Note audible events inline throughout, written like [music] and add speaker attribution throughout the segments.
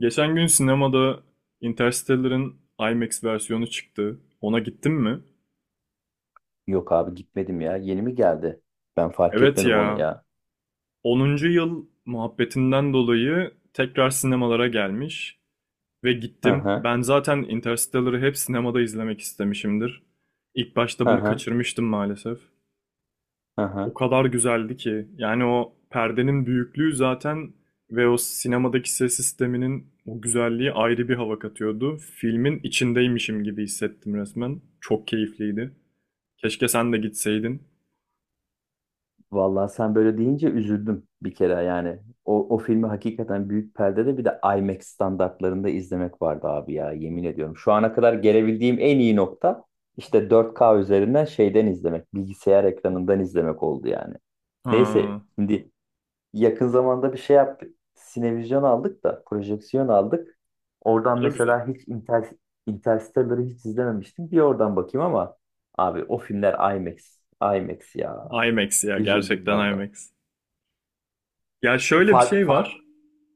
Speaker 1: Geçen gün sinemada Interstellar'ın IMAX versiyonu çıktı. Ona gittin mi?
Speaker 2: Yok abi gitmedim ya. Yeni mi geldi? Ben fark
Speaker 1: Evet
Speaker 2: etmedim onu
Speaker 1: ya.
Speaker 2: ya.
Speaker 1: Onuncu yıl muhabbetinden dolayı tekrar sinemalara gelmiş ve
Speaker 2: Hı
Speaker 1: gittim.
Speaker 2: hı.
Speaker 1: Ben zaten Interstellar'ı hep sinemada izlemek istemişimdir. İlk başta
Speaker 2: Hı
Speaker 1: bunu
Speaker 2: hı.
Speaker 1: kaçırmıştım maalesef.
Speaker 2: Hı
Speaker 1: O
Speaker 2: hı.
Speaker 1: kadar güzeldi ki. Yani o perdenin büyüklüğü zaten ve o sinemadaki ses sisteminin o güzelliği ayrı bir hava katıyordu. Filmin içindeymişim gibi hissettim resmen. Çok keyifliydi. Keşke sen de gitseydin.
Speaker 2: Vallahi sen böyle deyince üzüldüm bir kere yani. O filmi hakikaten büyük perdede bir de IMAX standartlarında izlemek vardı abi ya, yemin ediyorum. Şu ana kadar gelebildiğim en iyi nokta işte 4K üzerinden şeyden izlemek, bilgisayar ekranından izlemek oldu yani.
Speaker 1: Ha,
Speaker 2: Neyse, şimdi yakın zamanda bir şey yaptık. Sinevizyon aldık da, projeksiyon aldık. Oradan
Speaker 1: o da güzel.
Speaker 2: mesela hiç Inter Interstellar'ı hiç izlememiştim. Bir oradan bakayım ama abi, o filmler IMAX. IMAX ya.
Speaker 1: IMAX ya,
Speaker 2: Üzüldüm
Speaker 1: gerçekten
Speaker 2: valla.
Speaker 1: IMAX. Ya şöyle bir
Speaker 2: Fark
Speaker 1: şey
Speaker 2: fark.
Speaker 1: var.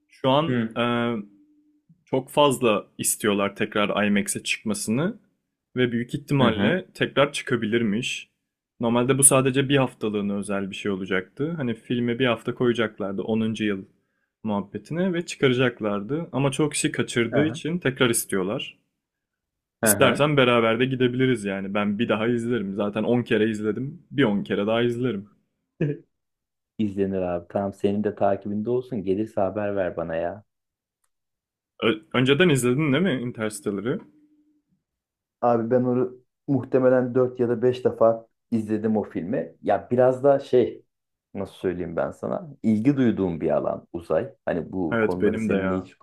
Speaker 1: Şu an
Speaker 2: Hı.
Speaker 1: çok fazla istiyorlar tekrar IMAX'e çıkmasını ve büyük
Speaker 2: Hı hı.
Speaker 1: ihtimalle tekrar çıkabilirmiş. Normalde bu sadece bir haftalığına özel bir şey olacaktı. Hani filme bir hafta koyacaklardı onuncu yıl muhabbetine ve çıkaracaklardı. Ama çok kişi
Speaker 2: Hı
Speaker 1: kaçırdığı
Speaker 2: hı.
Speaker 1: için tekrar istiyorlar.
Speaker 2: Hı hı.
Speaker 1: İstersen beraber de gidebiliriz yani. Ben bir daha izlerim. Zaten 10 kere izledim. Bir 10 kere daha izlerim.
Speaker 2: [laughs] İzlenir abi. Tamam, senin de takibinde olsun. Gelirse haber ver bana ya.
Speaker 1: Önceden izledin değil mi Interstellar'ı?
Speaker 2: Abi ben onu muhtemelen 4 ya da 5 defa izledim o filmi. Ya biraz da şey, nasıl söyleyeyim ben sana? İlgi duyduğum bir alan uzay. Hani bu
Speaker 1: Evet
Speaker 2: konuları
Speaker 1: benim de
Speaker 2: seninle
Speaker 1: ya.
Speaker 2: hiç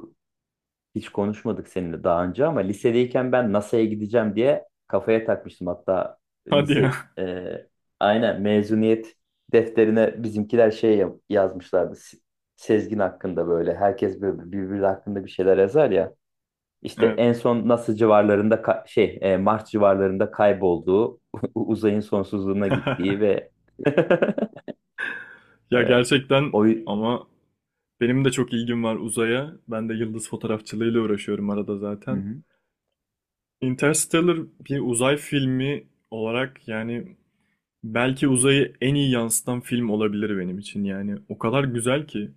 Speaker 2: hiç konuşmadık seninle daha önce, ama lisedeyken ben NASA'ya gideceğim diye kafaya takmıştım. Hatta
Speaker 1: Hadi ya.
Speaker 2: lise
Speaker 1: [laughs]
Speaker 2: aynen mezuniyet defterine bizimkiler şey yazmışlardı. Sezgin hakkında böyle, herkes böyle birbiri hakkında bir şeyler yazar ya. İşte en
Speaker 1: Evet.
Speaker 2: son NASA civarlarında Mars civarlarında kaybolduğu, [laughs] uzayın sonsuzluğuna gittiği
Speaker 1: [laughs]
Speaker 2: ve [laughs]
Speaker 1: Ya
Speaker 2: e,
Speaker 1: gerçekten
Speaker 2: o Hı
Speaker 1: ama benim de çok ilgim var uzaya. Ben de yıldız fotoğrafçılığıyla uğraşıyorum arada zaten.
Speaker 2: hı.
Speaker 1: Interstellar bir uzay filmi olarak yani belki uzayı en iyi yansıtan film olabilir benim için yani. O kadar güzel ki.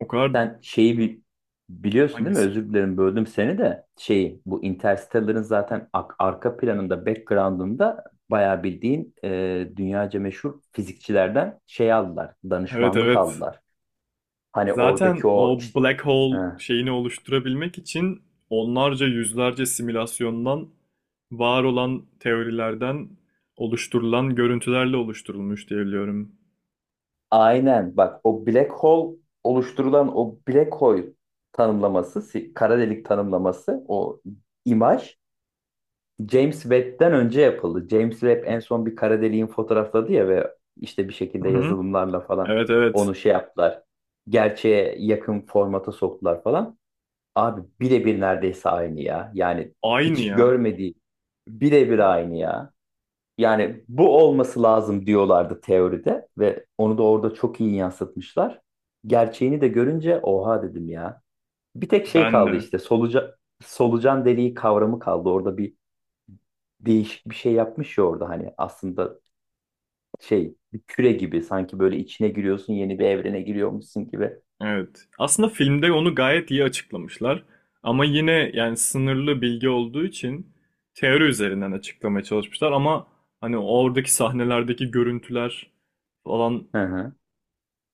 Speaker 1: O kadar
Speaker 2: Sen şeyi biliyorsun değil mi?
Speaker 1: hangisi?
Speaker 2: Özür dilerim, böldüm seni de. Şeyi, bu Interstellar'ın zaten arka planında, background'ında bayağı bildiğin dünyaca meşhur fizikçilerden şey aldılar,
Speaker 1: Evet
Speaker 2: danışmanlık
Speaker 1: evet.
Speaker 2: aldılar. Hani oradaki
Speaker 1: Zaten
Speaker 2: o
Speaker 1: o
Speaker 2: işte,
Speaker 1: black hole şeyini oluşturabilmek için onlarca yüzlerce simülasyondan var olan teorilerden oluşturulan görüntülerle oluşturulmuş diye biliyorum.
Speaker 2: aynen bak, o black hole, oluşturulan o black hole tanımlaması, kara delik tanımlaması, o imaj James Webb'den önce yapıldı. James Webb en son bir kara deliğin fotoğrafladı ya, ve işte bir
Speaker 1: Hı
Speaker 2: şekilde
Speaker 1: hı.
Speaker 2: yazılımlarla falan
Speaker 1: Evet evet.
Speaker 2: onu şey yaptılar. Gerçeğe yakın formata soktular falan. Abi birebir neredeyse aynı ya. Yani
Speaker 1: Aynı
Speaker 2: hiç
Speaker 1: ya.
Speaker 2: görmediği birebir aynı ya. Yani bu olması lazım diyorlardı teoride, ve onu da orada çok iyi yansıtmışlar. Gerçeğini de görünce oha dedim ya. Bir tek şey
Speaker 1: Ben
Speaker 2: kaldı,
Speaker 1: de.
Speaker 2: işte solucan deliği kavramı kaldı. Orada bir değişik bir şey yapmış ya, orada hani aslında şey, bir küre gibi, sanki böyle içine giriyorsun, yeni bir evrene giriyormuşsun gibi.
Speaker 1: Evet. Aslında filmde onu gayet iyi açıklamışlar. Ama yine yani sınırlı bilgi olduğu için teori üzerinden açıklamaya çalışmışlar ama hani oradaki sahnelerdeki görüntüler falan,
Speaker 2: Hı hı,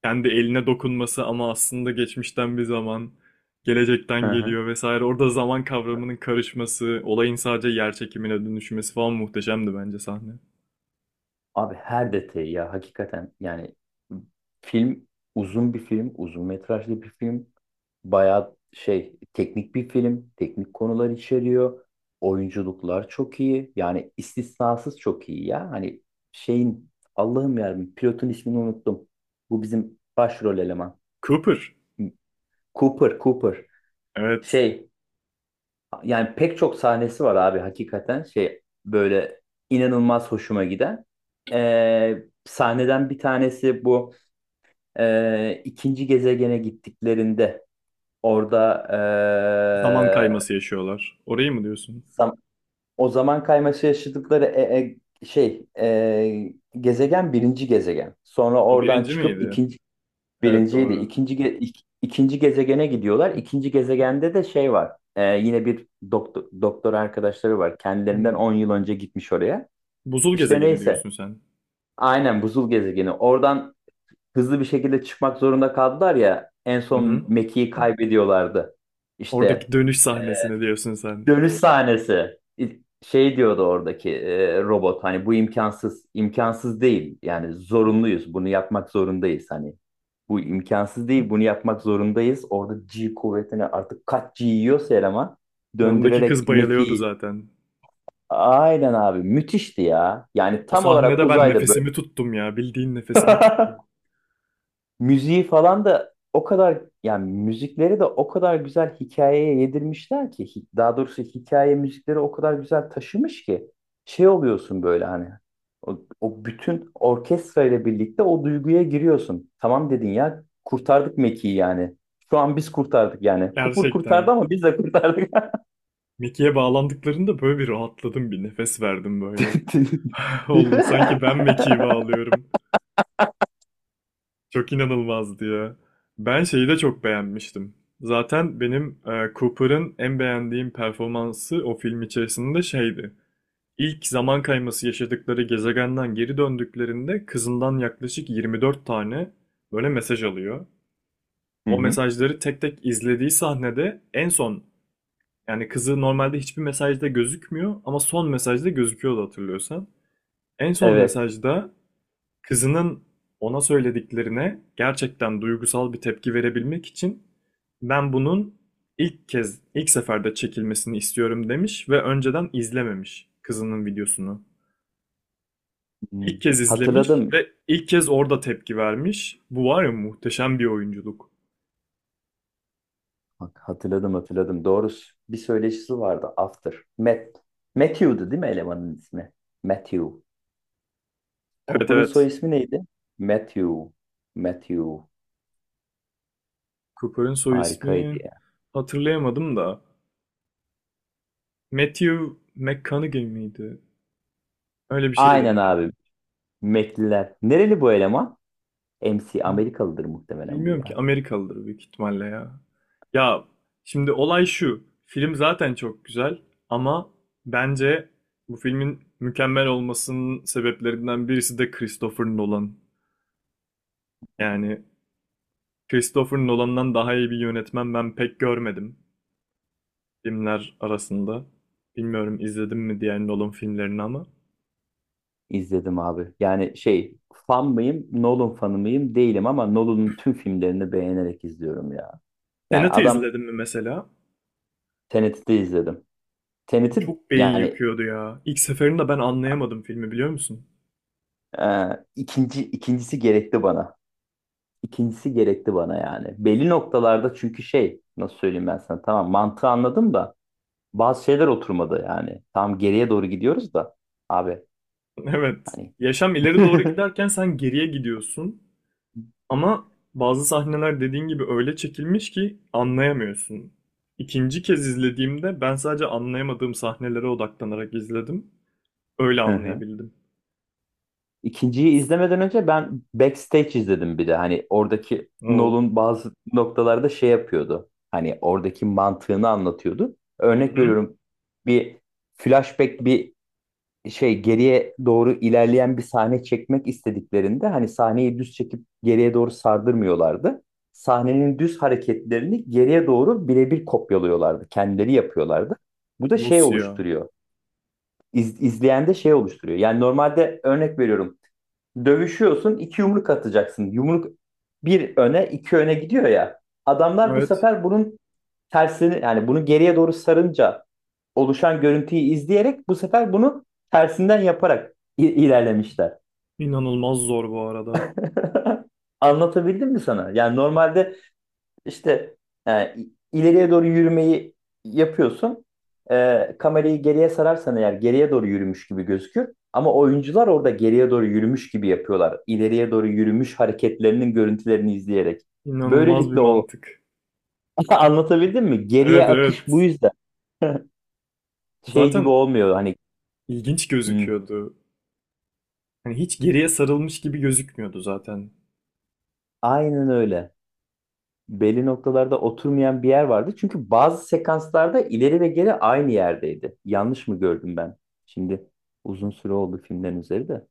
Speaker 1: kendi eline dokunması ama aslında geçmişten bir zaman, gelecekten
Speaker 2: hı hı.
Speaker 1: geliyor vesaire. Orada zaman kavramının karışması, olayın sadece yer çekimine dönüşmesi falan muhteşemdi bence sahne.
Speaker 2: Abi her detayı ya, hakikaten yani, film uzun bir film, uzun metrajlı bir film. Bayağı şey, teknik bir film, teknik konular içeriyor. Oyunculuklar çok iyi. Yani istisnasız çok iyi ya. Hani şeyin, Allah'ım yarabbim, pilotun ismini unuttum. Bu bizim başrol eleman.
Speaker 1: Cooper.
Speaker 2: Cooper, Cooper.
Speaker 1: Evet.
Speaker 2: Şey yani, pek çok sahnesi var abi, hakikaten şey böyle inanılmaz hoşuma giden. Sahneden bir tanesi bu, ikinci gezegene gittiklerinde orada
Speaker 1: Zaman kayması yaşıyorlar. Orayı mı diyorsun?
Speaker 2: zam- o zaman kayması yaşadıkları gezegen, birinci gezegen. Sonra
Speaker 1: O
Speaker 2: oradan
Speaker 1: birinci
Speaker 2: çıkıp
Speaker 1: miydi?
Speaker 2: ikinci.
Speaker 1: Evet
Speaker 2: Birinciydi.
Speaker 1: doğru.
Speaker 2: İkinci gezegene gidiyorlar. İkinci gezegende de şey var. Yine bir doktor, doktor arkadaşları var. Kendilerinden 10
Speaker 1: Hmm.
Speaker 2: yıl önce gitmiş oraya.
Speaker 1: Buzul
Speaker 2: İşte
Speaker 1: gezegeni
Speaker 2: neyse.
Speaker 1: diyorsun sen.
Speaker 2: Aynen buzul gezegeni. Oradan hızlı bir şekilde çıkmak zorunda kaldılar ya. En
Speaker 1: Hı
Speaker 2: son
Speaker 1: hı.
Speaker 2: Meki'yi kaybediyorlardı. İşte.
Speaker 1: Oradaki dönüş sahnesini diyorsun sen.
Speaker 2: Dönüş sahnesi. Şey diyordu oradaki robot, hani, bu imkansız. İmkansız değil. Yani zorunluyuz. Bunu yapmak zorundayız hani. Bu imkansız değil. Bunu yapmak zorundayız. Orada G kuvvetini, artık kaç G yiyorsa eleman
Speaker 1: Yanındaki kız
Speaker 2: döndürerek
Speaker 1: bayılıyordu
Speaker 2: Meki.
Speaker 1: zaten.
Speaker 2: Aynen abi, müthişti ya. Yani
Speaker 1: O
Speaker 2: tam olarak
Speaker 1: sahnede ben
Speaker 2: uzayda böyle.
Speaker 1: nefesimi tuttum ya. Bildiğin nefesimi tuttum.
Speaker 2: [laughs] Müziği falan da o kadar, yani müzikleri de o kadar güzel hikayeye yedirmişler ki, daha doğrusu hikaye müzikleri o kadar güzel taşımış ki, şey oluyorsun böyle, hani o bütün orkestra ile birlikte o duyguya giriyorsun. Tamam dedin ya, kurtardık Meki'yi yani. Şu an biz kurtardık yani. Kupur kurtardı
Speaker 1: Gerçekten.
Speaker 2: ama biz de kurtardık. [laughs]
Speaker 1: Mickey'e bağlandıklarında böyle bir rahatladım. Bir nefes verdim böyle. [laughs]
Speaker 2: Değil
Speaker 1: Oğlum
Speaker 2: mi?
Speaker 1: sanki
Speaker 2: [laughs]
Speaker 1: ben Mekiği bağlıyorum. Çok inanılmazdı ya. Ben şeyi de çok beğenmiştim. Zaten benim Cooper'ın en beğendiğim performansı o film içerisinde şeydi. İlk zaman kayması yaşadıkları gezegenden geri döndüklerinde kızından yaklaşık 24 tane böyle mesaj alıyor.
Speaker 2: Hı
Speaker 1: O
Speaker 2: hı.
Speaker 1: mesajları tek tek izlediği sahnede en son, yani kızı normalde hiçbir mesajda gözükmüyor ama son mesajda gözüküyordu hatırlıyorsan. En son
Speaker 2: Evet.
Speaker 1: mesajda kızının ona söylediklerine gerçekten duygusal bir tepki verebilmek için ben bunun ilk kez, ilk seferde çekilmesini istiyorum demiş ve önceden izlememiş kızının videosunu.
Speaker 2: Hı.
Speaker 1: İlk kez izlemiş
Speaker 2: Hatırladım.
Speaker 1: ve ilk kez orada tepki vermiş. Bu var ya, muhteşem bir oyunculuk.
Speaker 2: Bak, hatırladım hatırladım. Doğrusu bir söyleşisi vardı. After. Matt. Matthew'du değil mi elemanın ismi? Matthew.
Speaker 1: Evet
Speaker 2: Cooper'ın soy
Speaker 1: evet.
Speaker 2: ismi neydi? Matthew. Matthew.
Speaker 1: Cooper'ın soy
Speaker 2: Harikaydı
Speaker 1: ismi
Speaker 2: ya.
Speaker 1: hatırlayamadım da. Matthew McConaughey miydi? Öyle bir şeydi
Speaker 2: Aynen
Speaker 1: herhalde.
Speaker 2: abi. Mekliler. Nereli bu eleman? MC. Amerikalıdır muhtemelen bu
Speaker 1: Bilmiyorum ki,
Speaker 2: ya.
Speaker 1: Amerikalıdır büyük ihtimalle ya. Ya şimdi olay şu. Film zaten çok güzel ama bence bu filmin mükemmel olmasının sebeplerinden birisi de Christopher Nolan. Yani Christopher Nolan'dan daha iyi bir yönetmen ben pek görmedim filmler arasında. Bilmiyorum izledim mi diğer Nolan filmlerini ama.
Speaker 2: İzledim abi. Yani şey, fan mıyım? Nolan fanı mıyım? Değilim ama Nolan'ın tüm filmlerini beğenerek izliyorum ya. Yani
Speaker 1: Tenet'i
Speaker 2: adam,
Speaker 1: izledim mi mesela?
Speaker 2: Tenet'i de izledim. Tenet'i
Speaker 1: Çok beyin
Speaker 2: yani
Speaker 1: yakıyordu ya. İlk seferinde ben anlayamadım filmi, biliyor musun?
Speaker 2: ikincisi gerekti bana. İkincisi gerekti bana yani. Belli noktalarda çünkü, şey, nasıl söyleyeyim ben sana, tamam mantığı anladım da bazı şeyler oturmadı yani. Tam geriye doğru gidiyoruz da abi,
Speaker 1: [laughs] Evet.
Speaker 2: hani.
Speaker 1: Yaşam ileri doğru
Speaker 2: [laughs]
Speaker 1: giderken sen geriye gidiyorsun. Ama bazı sahneler dediğin gibi öyle çekilmiş ki anlayamıyorsun. İkinci kez izlediğimde ben sadece anlayamadığım sahnelere odaklanarak izledim. Öyle
Speaker 2: Hı hı.
Speaker 1: anlayabildim.
Speaker 2: İkinciyi izlemeden önce ben Backstage izledim bir de. Hani oradaki
Speaker 1: Oo.
Speaker 2: Nolan bazı noktalarda şey yapıyordu. Hani oradaki mantığını anlatıyordu.
Speaker 1: Hı
Speaker 2: Örnek
Speaker 1: hı.
Speaker 2: veriyorum, bir flashback, bir şey, geriye doğru ilerleyen bir sahne çekmek istediklerinde hani, sahneyi düz çekip geriye doğru sardırmıyorlardı. Sahnenin düz hareketlerini geriye doğru birebir kopyalıyorlardı. Kendileri yapıyorlardı. Bu da şey
Speaker 1: Nasıl ya?
Speaker 2: oluşturuyor. İz, izleyende şey oluşturuyor. Yani normalde, örnek veriyorum. Dövüşüyorsun, 2 yumruk atacaksın. Yumruk bir öne, iki öne gidiyor ya. Adamlar bu
Speaker 1: Evet.
Speaker 2: sefer bunun tersini, yani bunu geriye doğru sarınca oluşan görüntüyü izleyerek bu sefer bunu tersinden yaparak ilerlemişler.
Speaker 1: İnanılmaz zor bu arada.
Speaker 2: [laughs] Anlatabildim mi sana? Yani normalde işte e, ileriye doğru yürümeyi yapıyorsun. Kamerayı geriye sararsan eğer, geriye doğru yürümüş gibi gözükür. Ama oyuncular orada geriye doğru yürümüş gibi yapıyorlar, İleriye doğru yürümüş hareketlerinin görüntülerini izleyerek.
Speaker 1: İnanılmaz bir
Speaker 2: Böylelikle o
Speaker 1: mantık.
Speaker 2: [laughs] anlatabildim mi? Geriye
Speaker 1: Evet
Speaker 2: akış bu
Speaker 1: evet.
Speaker 2: yüzden. [laughs] Şey gibi
Speaker 1: Zaten
Speaker 2: olmuyor hani.
Speaker 1: ilginç
Speaker 2: "Hmm,
Speaker 1: gözüküyordu. Hani hiç geriye sarılmış gibi gözükmüyordu zaten.
Speaker 2: aynen öyle. Belli noktalarda oturmayan bir yer vardı. Çünkü bazı sekanslarda ileri ve geri aynı yerdeydi. Yanlış mı gördüm ben? Şimdi, uzun süre oldu filmlerin üzeri de.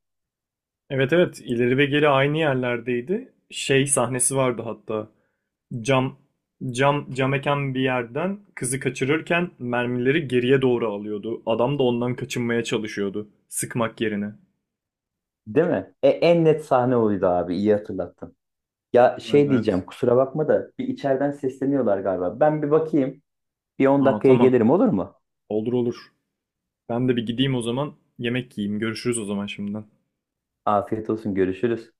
Speaker 1: Evet evet, ileri ve geri aynı yerlerdeydi. Şey sahnesi vardı hatta. Cam cam eken bir yerden kızı kaçırırken mermileri geriye doğru alıyordu. Adam da ondan kaçınmaya çalışıyordu sıkmak yerine.
Speaker 2: Değil mi? En net sahne oydu abi, iyi hatırlattın. Ya
Speaker 1: Evet
Speaker 2: şey
Speaker 1: evet.
Speaker 2: diyeceğim, kusura bakma da, bir içeriden sesleniyorlar galiba. Ben bir bakayım. Bir 10
Speaker 1: Aa,
Speaker 2: dakikaya
Speaker 1: tamam.
Speaker 2: gelirim, olur mu?
Speaker 1: Olur olur. Ben de bir gideyim o zaman. Yemek yiyeyim. Görüşürüz o zaman şimdiden.
Speaker 2: Afiyet olsun, görüşürüz.